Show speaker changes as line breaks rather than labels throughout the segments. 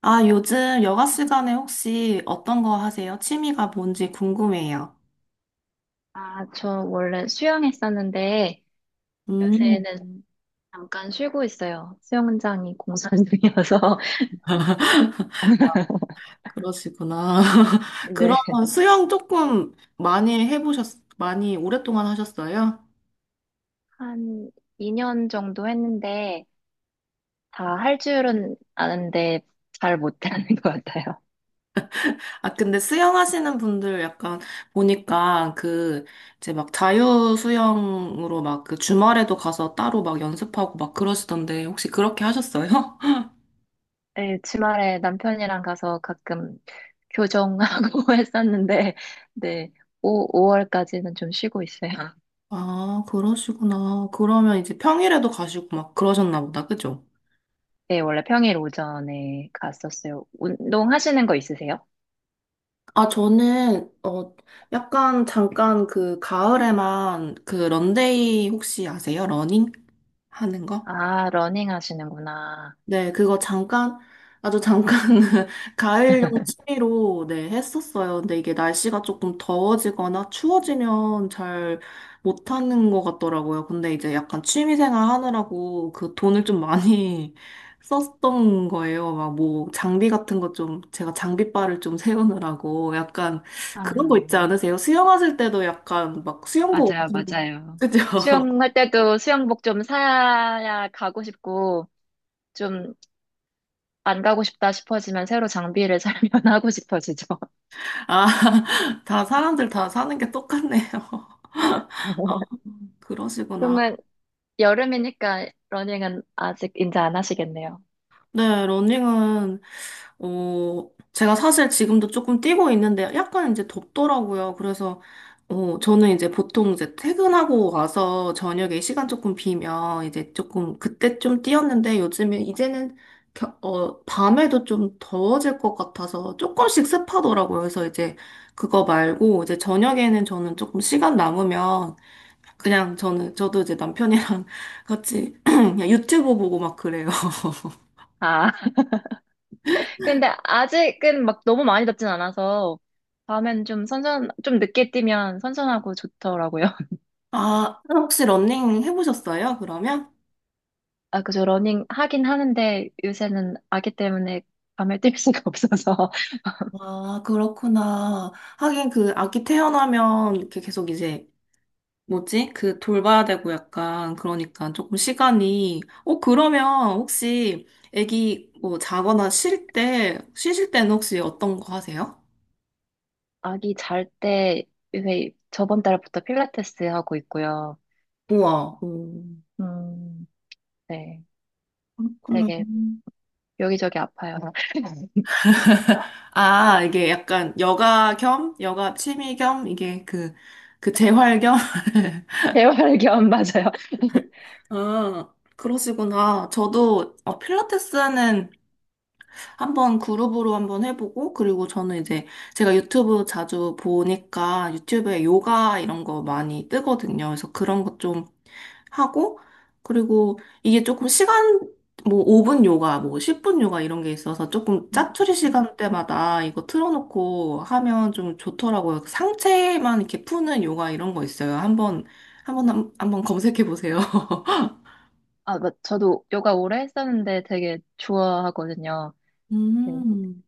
아, 요즘 여가 시간에 혹시 어떤 거 하세요? 취미가 뭔지 궁금해요.
아, 저 원래 수영했었는데
음,
요새는 잠깐 쉬고 있어요. 수영장이 공사 중이어서
그러시구나.
네.
그럼 수영 조금 많이 오랫동안 하셨어요?
한 2년 정도 했는데 다 할 줄은 아는데 잘 못하는 것 같아요.
아, 근데 수영하시는 분들 약간 보니까 그, 이제 막 자유 수영으로 막 그 주말에도 가서 따로 막 연습하고 막 그러시던데 혹시 그렇게 하셨어요?
네, 주말에 남편이랑 가서 가끔 교정하고 했었는데 네, 오 5월까지는 좀 쉬고 있어요.
아, 그러시구나. 그러면 이제 평일에도 가시고 막 그러셨나 보다, 그죠?
네, 원래 평일 오전에 갔었어요. 운동하시는 거 있으세요?
아, 저는, 약간 잠깐 그 가을에만 그 런데이 혹시 아세요? 러닝 하는 거?
아, 러닝 하시는구나.
네, 그거 잠깐, 아주 잠깐 가을용 취미로 네, 했었어요. 근데 이게 날씨가 조금 더워지거나 추워지면 잘 못하는 것 같더라고요. 근데 이제 약간 취미 생활 하느라고 그 돈을 좀 많이 썼던 거예요. 막 뭐 장비 같은 거 좀, 제가 장비빨을 좀 세우느라고 약간 그런 거 있지
아,
않으세요? 수영하실 때도 약간 막 수영복
맞아요,
엄청,
맞아요.
그죠?
수영할 때도 수영복 좀 사야 가고 싶고, 좀 안 가고 싶다 싶어지면 새로 장비를 사면 하고 싶어지죠.
아, 다 사람들 다 사는 게 똑같네요. 그러시구나.
그러면 여름이니까 러닝은 아직 이제 안 하시겠네요.
네, 러닝은, 제가 사실 지금도 조금 뛰고 있는데 약간 이제 덥더라고요. 그래서, 저는 이제 보통 이제 퇴근하고 와서 저녁에 시간 조금 비면 이제 조금 그때 좀 뛰었는데 요즘에 이제는 밤에도 좀 더워질 것 같아서 조금씩 습하더라고요. 그래서 이제 그거 말고 이제 저녁에는 저는 조금 시간 남으면 그냥 저는, 저도 이제 남편이랑 같이 그냥 유튜브 보고 막 그래요.
아, 근데 아직은 막 너무 많이 덥진 않아서, 밤엔 좀 늦게 뛰면 선선하고 좋더라고요.
아, 혹시 러닝 해보셨어요, 그러면?
아, 그죠. 러닝 하긴 하는데 요새는 아기 때문에 밤에 뛸 수가 없어서.
아, 그렇구나. 하긴 그 아기 태어나면 이렇게 계속 이제, 뭐지? 그 돌봐야 되고 약간, 그러니까 조금 시간이. 어, 그러면 혹시 아기 뭐 자거나 쉴 때, 쉬실 때는 혹시 어떤 거 하세요?
아기 잘 때 요새 저번 달부터 필라테스 하고 있고요.
우와. 음.
음, 네.
그렇구나.
되게 여기저기 아파요.
아, 이게 약간 여가 겸, 여가 취미 겸, 이게 그, 그 재활 겸?
재활견 맞아요.
음, 그러시구나. 저도 필라테스는 한번 그룹으로 한번 해보고, 그리고 저는 이제 제가 유튜브 자주 보니까 유튜브에 요가 이런 거 많이 뜨거든요. 그래서 그런 것 좀 하고, 그리고 이게 조금 시간, 뭐 5분 요가, 뭐 10분 요가 이런 게 있어서 조금
음,
짜투리 시간대마다 이거 틀어놓고 하면 좀 좋더라고요. 상체만 이렇게 푸는 요가 이런 거 있어요. 한번 검색해 보세요.
아, 저도 요가 오래 했었는데 되게 좋아하거든요. 네,
음,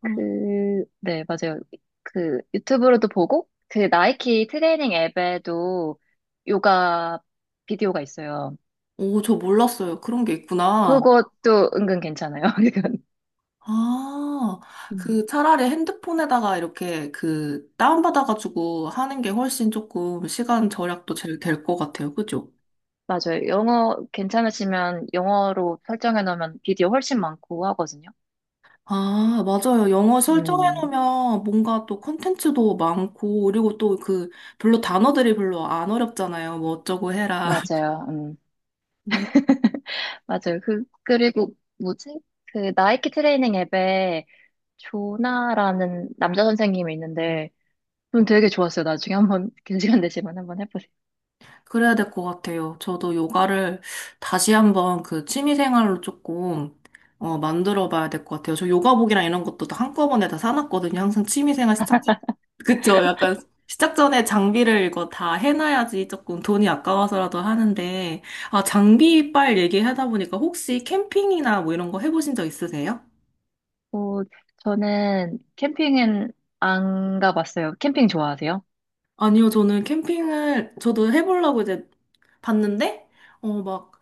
그럼,
네, 맞아요. 그 유튜브로도 보고 그 나이키 트레이닝 앱에도 요가 비디오가 있어요.
오, 저 몰랐어요. 그런 게 있구나.
그것도 은근 괜찮아요.
아,
이건.
그 차라리 핸드폰에다가 이렇게 그 다운받아가지고 하는 게 훨씬 조금 시간 절약도 제일 될 것 같아요. 그죠?
맞아요. 영어 괜찮으시면 영어로 설정해 놓으면 비디오 훨씬 많고 하거든요.
아, 맞아요. 영어
음,
설정해놓으면 뭔가 또 컨텐츠도 많고, 그리고 또 그 별로 단어들이 별로 안 어렵잖아요. 뭐 어쩌고 해라.
맞아요. 맞아요. 그리고 뭐지? 그 나이키 트레이닝 앱에 조나라는 남자 선생님이 있는데 좀 되게 좋았어요. 나중에 한번 긴 시간 되시면 한번 해보세요.
그래야 될 것 같아요. 저도 요가를 다시 한번 그 취미생활로 조금 만들어 봐야 될 것 같아요. 저 요가복이랑 이런 것도 다 한꺼번에 다 사놨거든요. 항상 취미생활 시작, 전- 그쵸? 약간 시작 전에 장비를 이거 다 해놔야지 조금 돈이 아까워서라도 하는데, 아, 장비빨 얘기하다 보니까 혹시 캠핑이나 뭐 이런 거 해보신 적 있으세요?
어, 저는 캠핑은 안 가봤어요. 캠핑 좋아하세요?
아니요, 저는 캠핑을 저도 해보려고 이제 봤는데, 어, 막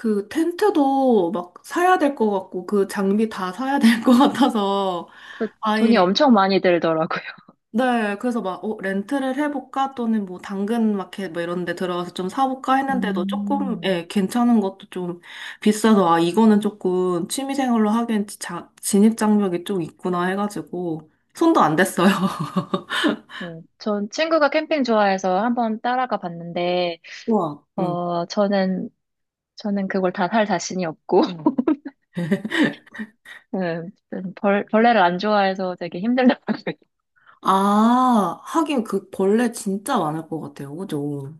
그 텐트도 막 사야 될 것 같고 그 장비 다 사야 될 것 같아서
그 돈이
아예
엄청 많이 들더라고요.
네 그래서 막 어, 렌트를 해볼까 또는 뭐 당근 마켓 뭐 이런 데 들어가서 좀 사볼까 했는데도 조금
음,
예 괜찮은 것도 좀 비싸서 아 이거는 조금 취미생활로 하기엔 자, 진입 장벽이 좀 있구나 해가지고 손도 안 댔어요.
네. 전 친구가 캠핑 좋아해서 한번 따라가 봤는데
우와. 음.
어, 저는 그걸 다 살 자신이 없고. 음, 벌레를 안 좋아해서 되게 힘들다.
아, 하긴 그 벌레 진짜 많을 것 같아요. 그죠?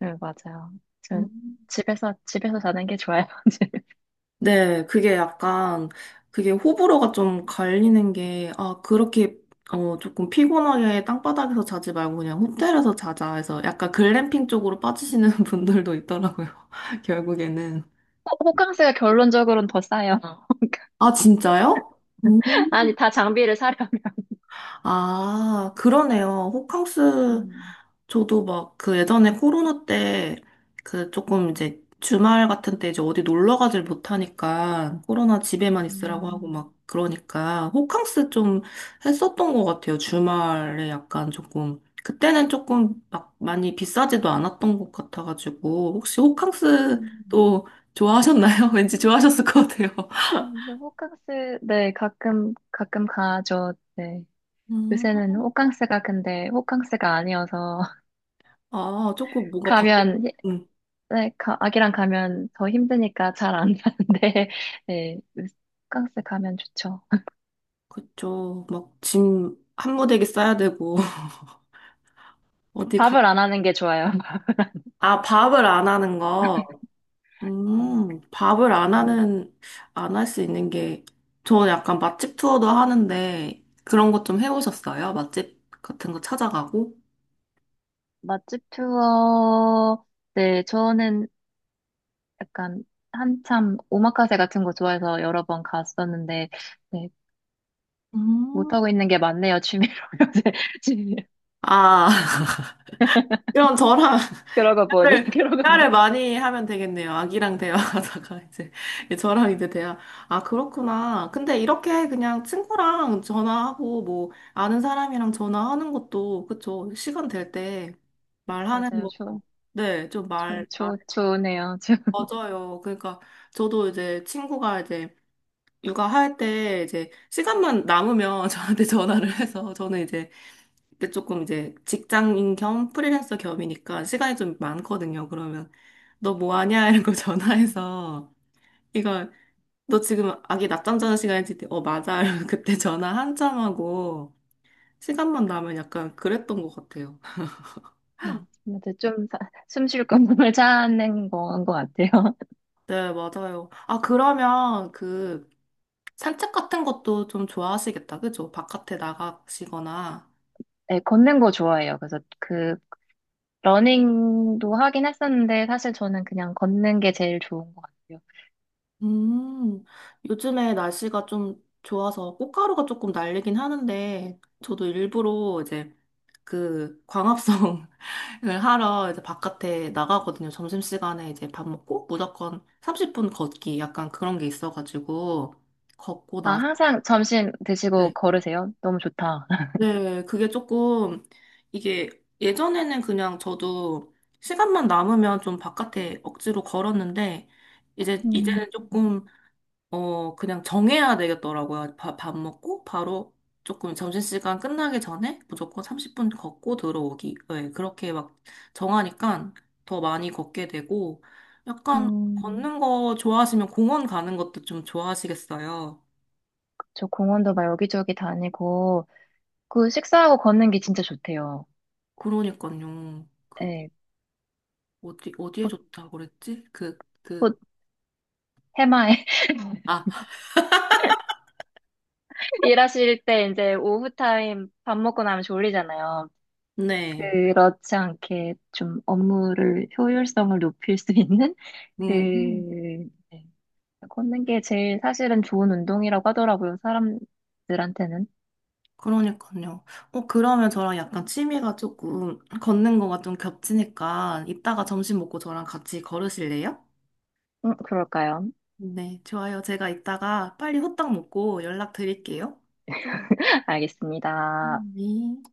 네, 맞아요. 저
음.
집에서 자는 게 좋아요.
네, 그게 약간, 그게 호불호가 좀 갈리는 게, 아, 그렇게, 조금 피곤하게 땅바닥에서 자지 말고 그냥 호텔에서 자자 해서 약간 글램핑 쪽으로 빠지시는 분들도 있더라고요, 결국에는.
호캉스가 결론적으로는 더 싸요.
아, 진짜요? 음.
아니, 다 장비를 사려면.
아, 그러네요. 호캉스
음.
저도 막 그 예전에 코로나 때 그 조금 이제 주말 같은 때 이제 어디 놀러 가질 못하니까 코로나 집에만 있으라고 하고
음.
막 그러니까 호캉스 좀 했었던 것 같아요. 주말에 약간 조금 그때는 조금 막 많이 비싸지도 않았던 것 같아가지고 혹시 호캉스
음,
또 좋아하셨나요? 왠지 좋아하셨을 것 같아요.
근데 호캉스, 네, 가끔, 가끔 가죠. 네.
음,
요새는 호캉스가 근데 호캉스가 아니어서
아, 조금 뭔가 바뀌,
가면
응,
네, 아기랑 가면 더 힘드니까 잘 안 가는데, 네, 호캉스 가면 좋죠.
그쵸. 막 짐 한 무더기 싸야 되고 어디 가
밥을 안 하는 게 좋아요.
아, 밥을 안 하는 거.
네, 그,
밥을 안
음.
하는, 안 할 수 있는 게, 저 약간 맛집 투어도 하는데, 그런 것 좀 해보셨어요? 맛집 같은 거 찾아가고?
맛집 투어, 네, 저는 약간 한참 오마카세 같은 거 좋아해서 여러 번 갔었는데, 네,
음.
못하고 있는 게 많네요, 취미로. 요새 취미로.
아, 이런 저랑
그러고 보니,
대화를,
그러고 보니.
대화를 많이 하면 되겠네요. 아기랑 대화하다가 이제 저랑 이제 대화. 아, 그렇구나. 근데 이렇게 그냥 친구랑 전화하고 뭐 아는 사람이랑 전화하는 것도 그쵸. 시간 될 때 말하는
맞아요,
거.
좋,
네, 좀
좋,
말, 말에
좋, 좋네요. 좋.
맞아요. 그러니까 저도 이제 친구가 이제 육아할 때 이제 시간만 남으면 저한테 전화를 해서 저는 이제 근데 조금 이제 직장인 겸 프리랜서 겸이니까 시간이 좀 많거든요. 그러면 너 뭐 하냐? 이런 거 전화해서 이거 너 지금 아기 낮잠 자는 시간이지? 어, 맞아. 이러면 그때 전화 한참 하고 시간만 나면 약간 그랬던 것 같아요.
네, 아무튼 좀 숨 쉴 공간을 찾는 건 것 같아요.
네, 맞아요. 아, 그러면 그 산책 같은 것도 좀 좋아하시겠다. 그죠? 바깥에 나가시거나.
네, 걷는 거 좋아해요. 그래서 그 러닝도 하긴 했었는데 사실 저는 그냥 걷는 게 제일 좋은 것 같아요.
음, 요즘에 날씨가 좀 좋아서 꽃가루가 조금 날리긴 하는데 저도 일부러 이제 그 광합성을 하러 이제 바깥에 나가거든요. 점심시간에 이제 밥 먹고 무조건 30분 걷기 약간 그런 게 있어가지고 걷고
아,
나서
항상 점심 드시고
네.
걸으세요? 너무 좋다.
네, 그게 조금 이게 예전에는 그냥 저도 시간만 남으면 좀 바깥에 억지로 걸었는데 이제
음,
이제는 조금 그냥 정해야 되겠더라고요. 밥 먹고 바로 조금 점심시간 끝나기 전에 무조건 30분 걷고 들어오기. 네, 그렇게 막 정하니까 더 많이 걷게 되고 약간
음.
걷는 거 좋아하시면 공원 가는 것도 좀 좋아하시겠어요.
저 공원도 막 여기저기 다니고 그 식사하고 걷는 게 진짜 좋대요.
그러니까요. 그
예,
어디 어디에
곧,
좋다고 그랬지? 그
곧 해마에
아,
일하실 때 이제 오후 타임 밥 먹고 나면 졸리잖아요.
네.
그렇지 않게 좀 업무를 효율성을 높일 수 있는 그
음.
네, 걷는 게 제일 사실은 좋은 운동이라고 하더라고요, 사람들한테는.
그러니까요. 어, 그러면 저랑 약간 취미가 조금 걷는 거가 좀 겹치니까 이따가 점심 먹고 저랑 같이 걸으실래요?
그럴까요?
네, 좋아요. 제가 이따가 빨리 호떡 먹고 연락 드릴게요.
알겠습니다.
네.